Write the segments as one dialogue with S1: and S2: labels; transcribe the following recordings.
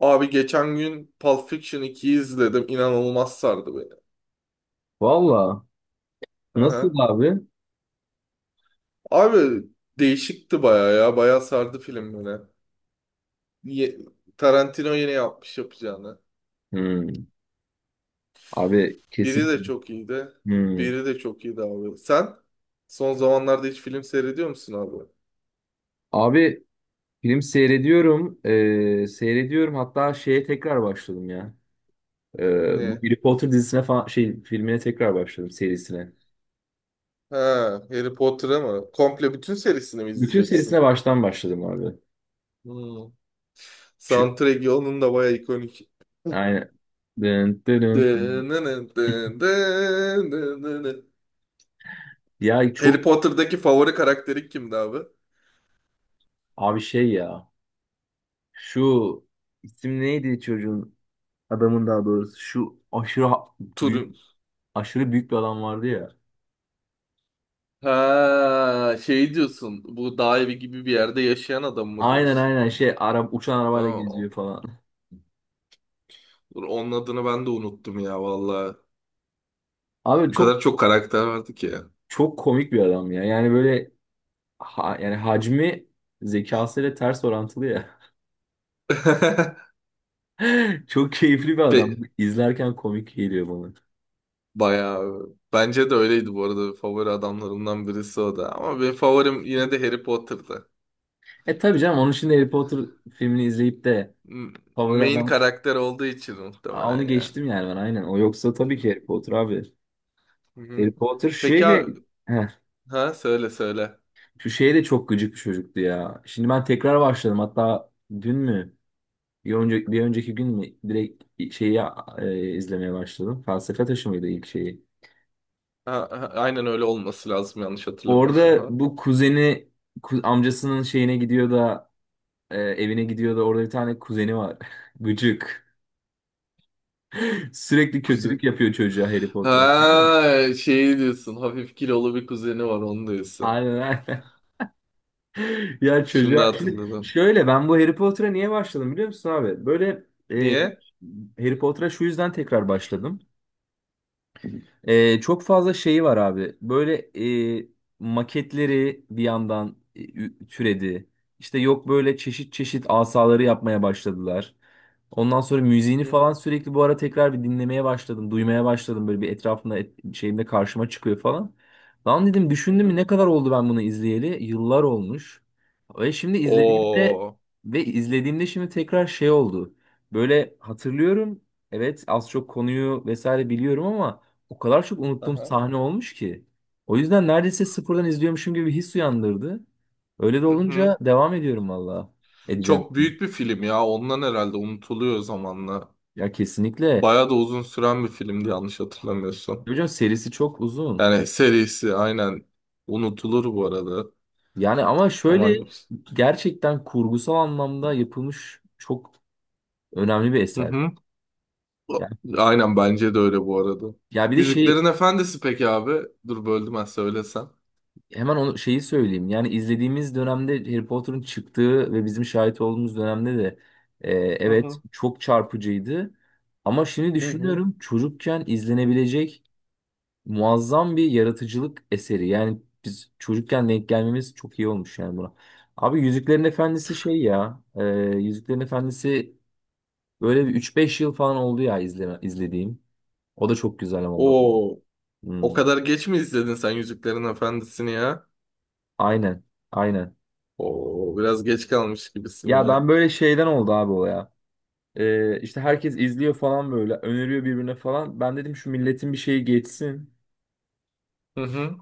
S1: Abi geçen gün Pulp Fiction 2'yi izledim. İnanılmaz sardı beni.
S2: Valla.
S1: Hı
S2: Nasıl
S1: hı.
S2: abi?
S1: Abi değişikti baya ya. Baya sardı film beni. Ye- Tarantino yine yapmış yapacağını.
S2: Hmm. Abi
S1: Biri
S2: kesin.
S1: de çok iyiydi.
S2: Hmm.
S1: Biri de çok iyiydi abi. Sen son zamanlarda hiç film seyrediyor musun abi?
S2: Abi film seyrediyorum. Seyrediyorum. Hatta şeye tekrar başladım ya. Bu
S1: Ne?
S2: Harry Potter dizisine falan şey filmine tekrar başladım serisine.
S1: Ha, Harry Potter'ı mı? Komple bütün serisini mi
S2: Bütün
S1: izleyeceksin?
S2: serisine baştan başladım abi.
S1: Hmm.
S2: Şu,
S1: Soundtrack'i onun da baya ikonik.
S2: yani dın, dın, dın.
S1: Dın dın dın dın dın dın dın.
S2: Ya
S1: Harry
S2: çok
S1: Potter'daki favori karakteri kimdi abi?
S2: abi şey ya. Şu isim neydi çocuğun adamın daha doğrusu. Şu aşırı büyük
S1: Turin.
S2: aşırı büyük bir adam vardı ya.
S1: Ha, şey diyorsun. Bu dağ evi gibi bir yerde yaşayan adam mı
S2: Aynen
S1: diyorsun?
S2: aynen şey ara, uçan arabayla geziyor
S1: Tamam.
S2: falan.
S1: Dur, onun adını ben de unuttum ya vallahi.
S2: Abi
S1: Bu
S2: çok
S1: kadar çok karakter vardı ki ya.
S2: çok komik bir adam ya. Yani böyle ha, yani hacmi zekasıyla ters orantılı ya. Çok keyifli bir
S1: Pe
S2: adam. İzlerken komik geliyor bana.
S1: bayağı. Bence de öyleydi bu arada. Favori adamlarımdan birisi o da. Ama benim favorim yine de Harry Potter'dı.
S2: Tabii canım onun için de Harry Potter filmini izleyip de
S1: M-
S2: favori
S1: Main
S2: adam.
S1: karakter olduğu için
S2: Aa, onu
S1: muhtemelen ya.
S2: geçtim yani ben aynen. O yoksa tabii ki Harry Potter abi.
S1: Hı
S2: Harry
S1: hı.
S2: Potter
S1: Peki
S2: şeyle.
S1: abi,
S2: Heh,
S1: ha söyle söyle.
S2: şu şeye de çok gıcık bir çocuktu ya. Şimdi ben tekrar başladım. Hatta dün mü? Bir önceki gün mü direkt şeyi izlemeye başladım. Felsefe Taşı mıydı ilk şeyi?
S1: Ha, ha, aynen öyle olması lazım yanlış hatırlamıyorsam.
S2: Orada
S1: Ha?
S2: bu kuzeni amcasının şeyine gidiyor da evine gidiyor da orada bir tane kuzeni var. Gıcık. Sürekli kötülük
S1: Kuzen.
S2: yapıyor çocuğa Harry Potter. Biliyor.
S1: Ha, şey diyorsun. Hafif kilolu bir kuzeni var onu diyorsun.
S2: Aynen aynen. Ya
S1: Şimdi
S2: çocuğa şimdi
S1: hatırladım.
S2: şöyle ben bu Harry Potter'a niye başladım biliyor musun abi? Böyle e,
S1: Niye?
S2: Harry Potter'a şu yüzden tekrar başladım. Çok fazla şeyi var abi. Böyle e, maketleri bir yandan türedi. İşte yok böyle çeşit çeşit asaları yapmaya başladılar. Ondan sonra müziğini
S1: Hı hı.
S2: falan sürekli bu ara tekrar bir dinlemeye başladım, duymaya başladım. Böyle bir etrafında şeyimde karşıma çıkıyor falan. Lan dedim düşündüm mü
S1: Hı.
S2: ne kadar oldu ben bunu izleyeli? Yıllar olmuş. Ve şimdi izlediğimde
S1: Oo.
S2: ve izlediğimde şimdi tekrar şey oldu. Böyle hatırlıyorum. Evet az çok konuyu vesaire biliyorum ama o kadar çok unuttuğum
S1: Aha.
S2: sahne olmuş ki. O yüzden neredeyse sıfırdan izliyormuşum gibi bir his uyandırdı. Öyle de
S1: Hı
S2: olunca
S1: hı.
S2: devam ediyorum valla. Edeceğim.
S1: Çok büyük bir film ya. Ondan herhalde unutuluyor zamanla.
S2: Ya kesinlikle.
S1: Bayağı da uzun süren bir filmdi yanlış hatırlamıyorsam.
S2: Hocam serisi çok uzun.
S1: Yani serisi aynen unutulur bu arada.
S2: Yani ama şöyle
S1: Zaman geçti.
S2: gerçekten kurgusal anlamda yapılmış çok önemli bir
S1: Hı
S2: eser.
S1: hı.
S2: Yani,
S1: Aynen bence de öyle bu arada.
S2: ya bir de şey.
S1: Yüzüklerin Efendisi peki abi? Dur böldüm ben söylesem.
S2: Hemen onu şeyi söyleyeyim. Yani izlediğimiz dönemde Harry Potter'ın çıktığı ve bizim şahit olduğumuz dönemde de
S1: Hı
S2: evet
S1: hı.
S2: çok çarpıcıydı. Ama şimdi
S1: Hı hı.
S2: düşünüyorum çocukken izlenebilecek muazzam bir yaratıcılık eseri. Yani biz çocukken denk gelmemiz çok iyi olmuş yani buna. Abi Yüzüklerin Efendisi şey ya. Yüzüklerin Efendisi böyle bir 3-5 yıl falan oldu ya izleme, izlediğim. O da çok güzel ama bu.
S1: Oo,
S2: Hmm.
S1: o kadar geç mi izledin sen Yüzüklerin Efendisi'ni ya?
S2: Aynen. Aynen.
S1: Oo, biraz geç kalmış gibisin
S2: Ya
S1: ya.
S2: ben böyle şeyden oldu abi o ya. İşte herkes izliyor falan böyle öneriyor birbirine falan. Ben dedim şu milletin bir şeyi geçsin.
S1: Hı hı.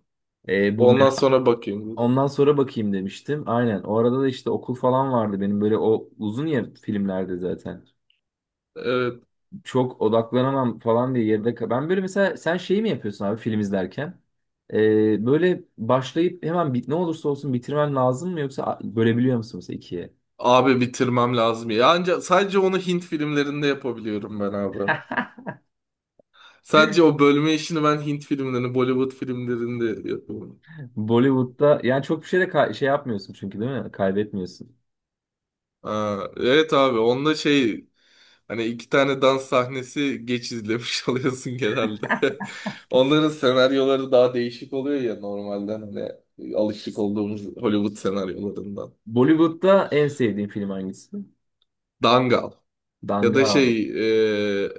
S2: Ee, bu
S1: Ondan
S2: merak-
S1: sonra bakayım.
S2: ondan sonra bakayım demiştim. Aynen. O arada da işte okul falan vardı benim böyle o uzun ya filmlerde zaten.
S1: Evet,
S2: Çok odaklanamam falan diye ben böyle mesela sen şeyi mi yapıyorsun abi film izlerken? Böyle başlayıp hemen bit ne olursa olsun bitirmen lazım mı yoksa bölebiliyor musun mesela ikiye?
S1: abi bitirmem lazım ya. Ancak sadece onu Hint filmlerinde yapabiliyorum ben abi. Sadece o bölme işini ben Hint filmlerinde, Bollywood filmlerinde yapıyorum.
S2: Bollywood'da yani çok bir şey de şey yapmıyorsun çünkü değil mi? Kaybetmiyorsun.
S1: Aa, evet abi onda şey hani iki tane dans sahnesi geç izlemiş oluyorsun genelde. Onların senaryoları daha değişik oluyor ya normalden hani alışık olduğumuz Hollywood senaryolarından.
S2: Bollywood'da en sevdiğin film hangisi?
S1: Dangal ya da
S2: Dangal.
S1: şey e,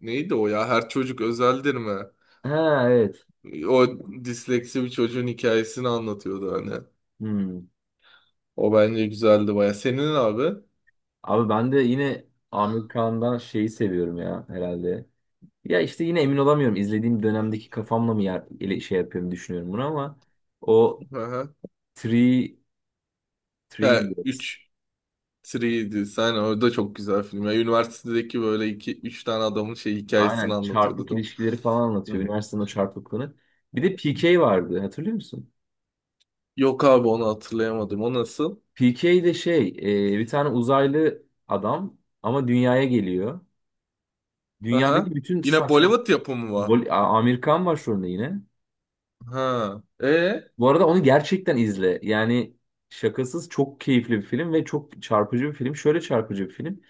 S1: neydi o ya Her Çocuk Özeldir mi?
S2: Ha, evet.
S1: O disleksi bir çocuğun hikayesini anlatıyordu hani.
S2: Hmm.
S1: O bence güzeldi baya. Senin abi?
S2: Abi ben de yine Amir Kağan'dan şeyi seviyorum ya herhalde. Ya işte yine emin olamıyorum. İzlediğim dönemdeki kafamla mı şey yapıyorum düşünüyorum bunu ama o
S1: Aha.
S2: Three, Three
S1: Ha,
S2: Idiots.
S1: üç. 3 sen o da çok güzel film. Ya, üniversitedeki böyle iki üç tane adamın şey hikayesini
S2: Aynen
S1: anlatıyordu
S2: çarpık
S1: değil.
S2: ilişkileri falan anlatıyor.
S1: Hı.
S2: Üniversitenin o çarpıklığını. Bir de PK vardı hatırlıyor musun?
S1: Yok abi onu hatırlayamadım. O nasıl?
S2: PK de şey bir tane uzaylı adam ama dünyaya geliyor. Dünyadaki
S1: Aha.
S2: bütün
S1: Yine
S2: saçma.
S1: Bollywood yapımı var.
S2: Amerikan var şu anda yine.
S1: Ha. E?
S2: Bu arada onu gerçekten izle. Yani şakasız çok keyifli bir film ve çok çarpıcı bir film. Şöyle çarpıcı bir film.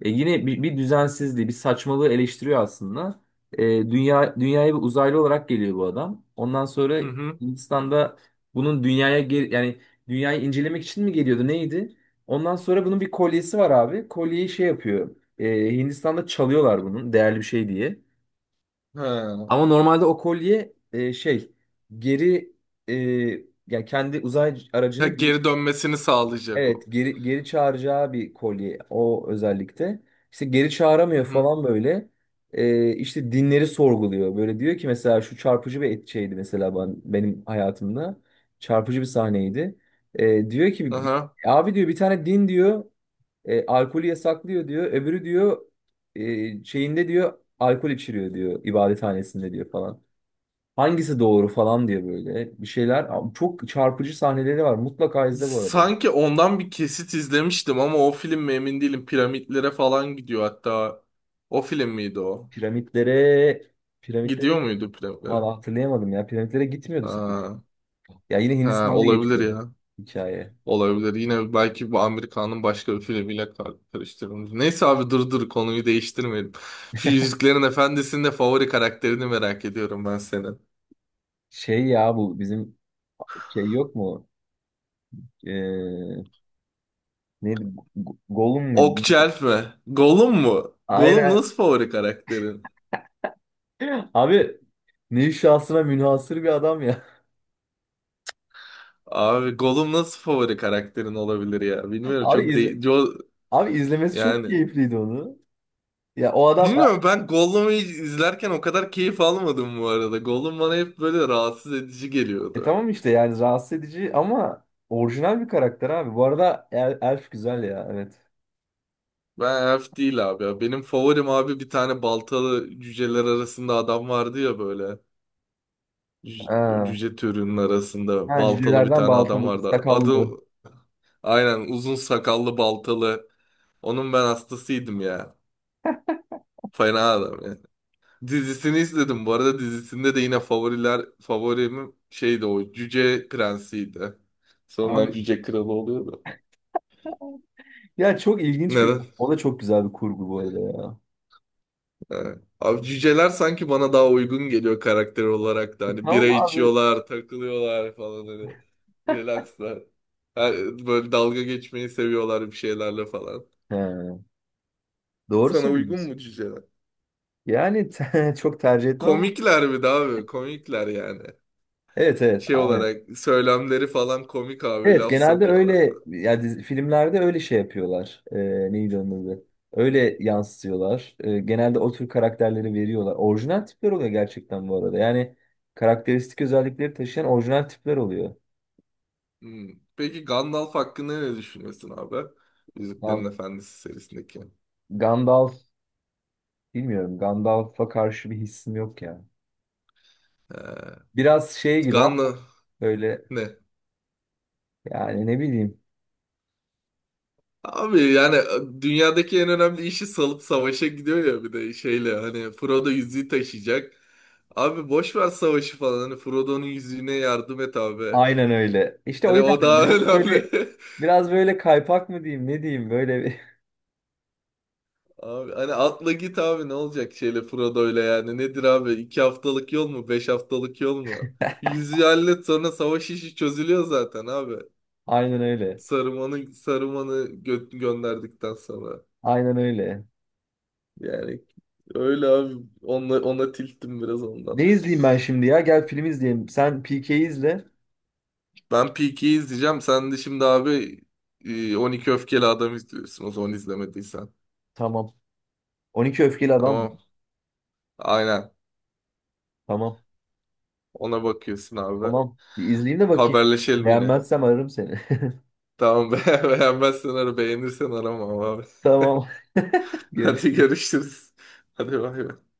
S2: Yine bir düzensizliği, bir saçmalığı eleştiriyor aslında. E, dünyaya bir uzaylı olarak geliyor bu adam. Ondan sonra
S1: Hı hı.
S2: Hindistan'da bunun yani dünyayı incelemek için mi geliyordu neydi? Ondan sonra bunun bir kolyesi var abi. Kolyeyi şey yapıyor. Hindistan'da çalıyorlar bunun değerli bir şey diye.
S1: Ha.
S2: Ama normalde o kolye geri e, yani kendi uzay
S1: Ha,
S2: aracını
S1: geri dönmesini sağlayacak
S2: evet
S1: o.
S2: geri geri çağıracağı bir kolye o özellikle. İşte geri
S1: Hı
S2: çağıramıyor
S1: hı.
S2: falan böyle. E, işte dinleri sorguluyor. Böyle diyor ki mesela şu çarpıcı bir şeydi mesela benim hayatımda. Çarpıcı bir sahneydi. Diyor ki
S1: Aha.
S2: abi diyor bir tane din diyor alkolü yasaklıyor diyor. Öbürü diyor şeyinde diyor alkol içiriyor diyor ibadethanesinde diyor falan. Hangisi doğru falan diye böyle bir şeyler. Abi çok çarpıcı sahneleri var. Mutlaka izle bu arada.
S1: Sanki ondan bir kesit izlemiştim ama o film mi emin değilim. Piramitlere falan gidiyor hatta. O film miydi o?
S2: Piramitlere, piramitlere
S1: Gidiyor muydu piramitlere?
S2: valla hatırlayamadım ya. Piramitlere gitmiyordu sanki.
S1: Ha.
S2: Ya yine
S1: Ha,
S2: Hindistan'da
S1: olabilir
S2: geçiyor
S1: ya.
S2: hikaye.
S1: Olabilir. Yine belki bu Amerikan'ın başka bir filmiyle karıştırılmış. Neyse abi dur dur konuyu değiştirmeyelim. Şu Yüzüklerin Efendisi'nin de favori karakterini merak ediyorum ben senin.
S2: Şey ya bu bizim şey yok mu? Ee, neydi? Gollum muydu?
S1: Okçelf mi? Gollum mu? Gollum
S2: Aynen.
S1: nasıl favori karakterin?
S2: Abi ne şahsına münhasır bir adam ya.
S1: Abi Gollum nasıl favori karakterin olabilir ya? Bilmiyorum
S2: Abi
S1: çok
S2: izle, abi izlemesi çok
S1: yani
S2: keyifliydi onu. Ya o adam.
S1: bilmiyorum ben Gollum'u izlerken o kadar keyif almadım bu arada. Gollum bana hep böyle rahatsız edici
S2: E
S1: geliyordu.
S2: tamam işte yani rahatsız edici ama orijinal bir karakter abi. Bu arada Elf güzel ya evet.
S1: Ben elf değil abi ya. Benim favorim abi bir tane baltalı cüceler arasında adam vardı ya böyle. Cüce,
S2: Ha,
S1: cüce türünün arasında
S2: ha,
S1: baltalı bir
S2: cücelerden
S1: tane adam
S2: baltalı,
S1: vardı. Adı
S2: sakallı.
S1: aynen uzun sakallı baltalı. Onun ben hastasıydım ya. Fena adam ya. Dizisini izledim. Bu arada dizisinde de yine favorim şeydi o cüce prensiydi. Sonradan
S2: Abi
S1: cüce kralı oluyordu.
S2: ya çok ilginç bir
S1: Neden?
S2: o da çok güzel bir kurgu bu arada ya.
S1: He. Abi cüceler sanki bana daha uygun geliyor karakter olarak da.
S2: E
S1: Hani bira
S2: tamam abi.
S1: içiyorlar, takılıyorlar falan hani. Relaxlar. Ha, böyle dalga geçmeyi seviyorlar bir şeylerle falan.
S2: He, doğru
S1: Sana uygun
S2: söylüyorsun.
S1: mu cüceler?
S2: Yani çok tercih etmem ama
S1: Komikler bir de abi. Komikler yani.
S2: evet, evet.
S1: Şey olarak söylemleri falan komik abi.
S2: Evet
S1: Laf
S2: genelde
S1: sokuyorlar
S2: öyle
S1: falan.
S2: yani filmlerde öyle şey yapıyorlar. Neydi onun adı?
S1: Hmm.
S2: Öyle yansıtıyorlar. Genelde o tür karakterleri veriyorlar. Orijinal tipler oluyor gerçekten bu arada. Yani karakteristik özellikleri taşıyan orijinal tipler oluyor.
S1: Hmm. Peki Gandalf hakkında ne düşünüyorsun abi? Yüzüklerin
S2: Gan-
S1: Efendisi serisindeki.
S2: Gandalf bilmiyorum. Gandalf'a karşı bir hissim yok ya.
S1: Ee,
S2: Biraz şey gibi ama
S1: Gandalf
S2: böyle
S1: ne?
S2: yani ne bileyim.
S1: Abi yani dünyadaki en önemli işi salıp savaşa gidiyor ya bir de şeyle hani Frodo yüzüğü taşıyacak. Abi boş ver savaşı falan hani Frodo'nun yüzüğüne yardım et abi.
S2: Aynen öyle. İşte o
S1: Hani
S2: yüzden
S1: o daha
S2: biraz
S1: önemli.
S2: böyle biraz böyle kaypak mı diyeyim ne diyeyim böyle bir-.
S1: Abi hani atla git abi ne olacak şeyle Frodo'yla yani nedir abi iki haftalık yol mu beş haftalık yol mu? Bir Yüzüğü hallet sonra savaş işi çözülüyor zaten abi.
S2: Aynen öyle.
S1: Saruman'ı gönderdikten sonra.
S2: Aynen öyle.
S1: Yani öyle abi ona tilttim biraz
S2: Ne
S1: ondan.
S2: izleyeyim ben şimdi ya? Gel film izleyelim. Sen PK'yi izle.
S1: Ben Peaky'yi izleyeceğim. Sen de şimdi abi 12 Öfkeli Adam izliyorsun o zaman izlemediysen.
S2: Tamam. 12 Öfkeli Adam mı?
S1: Tamam. Aynen.
S2: Tamam.
S1: Ona bakıyorsun abi.
S2: Tamam. Bir izleyeyim de bakayım.
S1: Haberleşelim yine.
S2: Beğenmezsem ararım seni.
S1: Tamam be beğenmezsen ara beğenirsen arama abi.
S2: Tamam.
S1: Hadi
S2: Görüşürüz.
S1: görüşürüz. Hadi bay bay.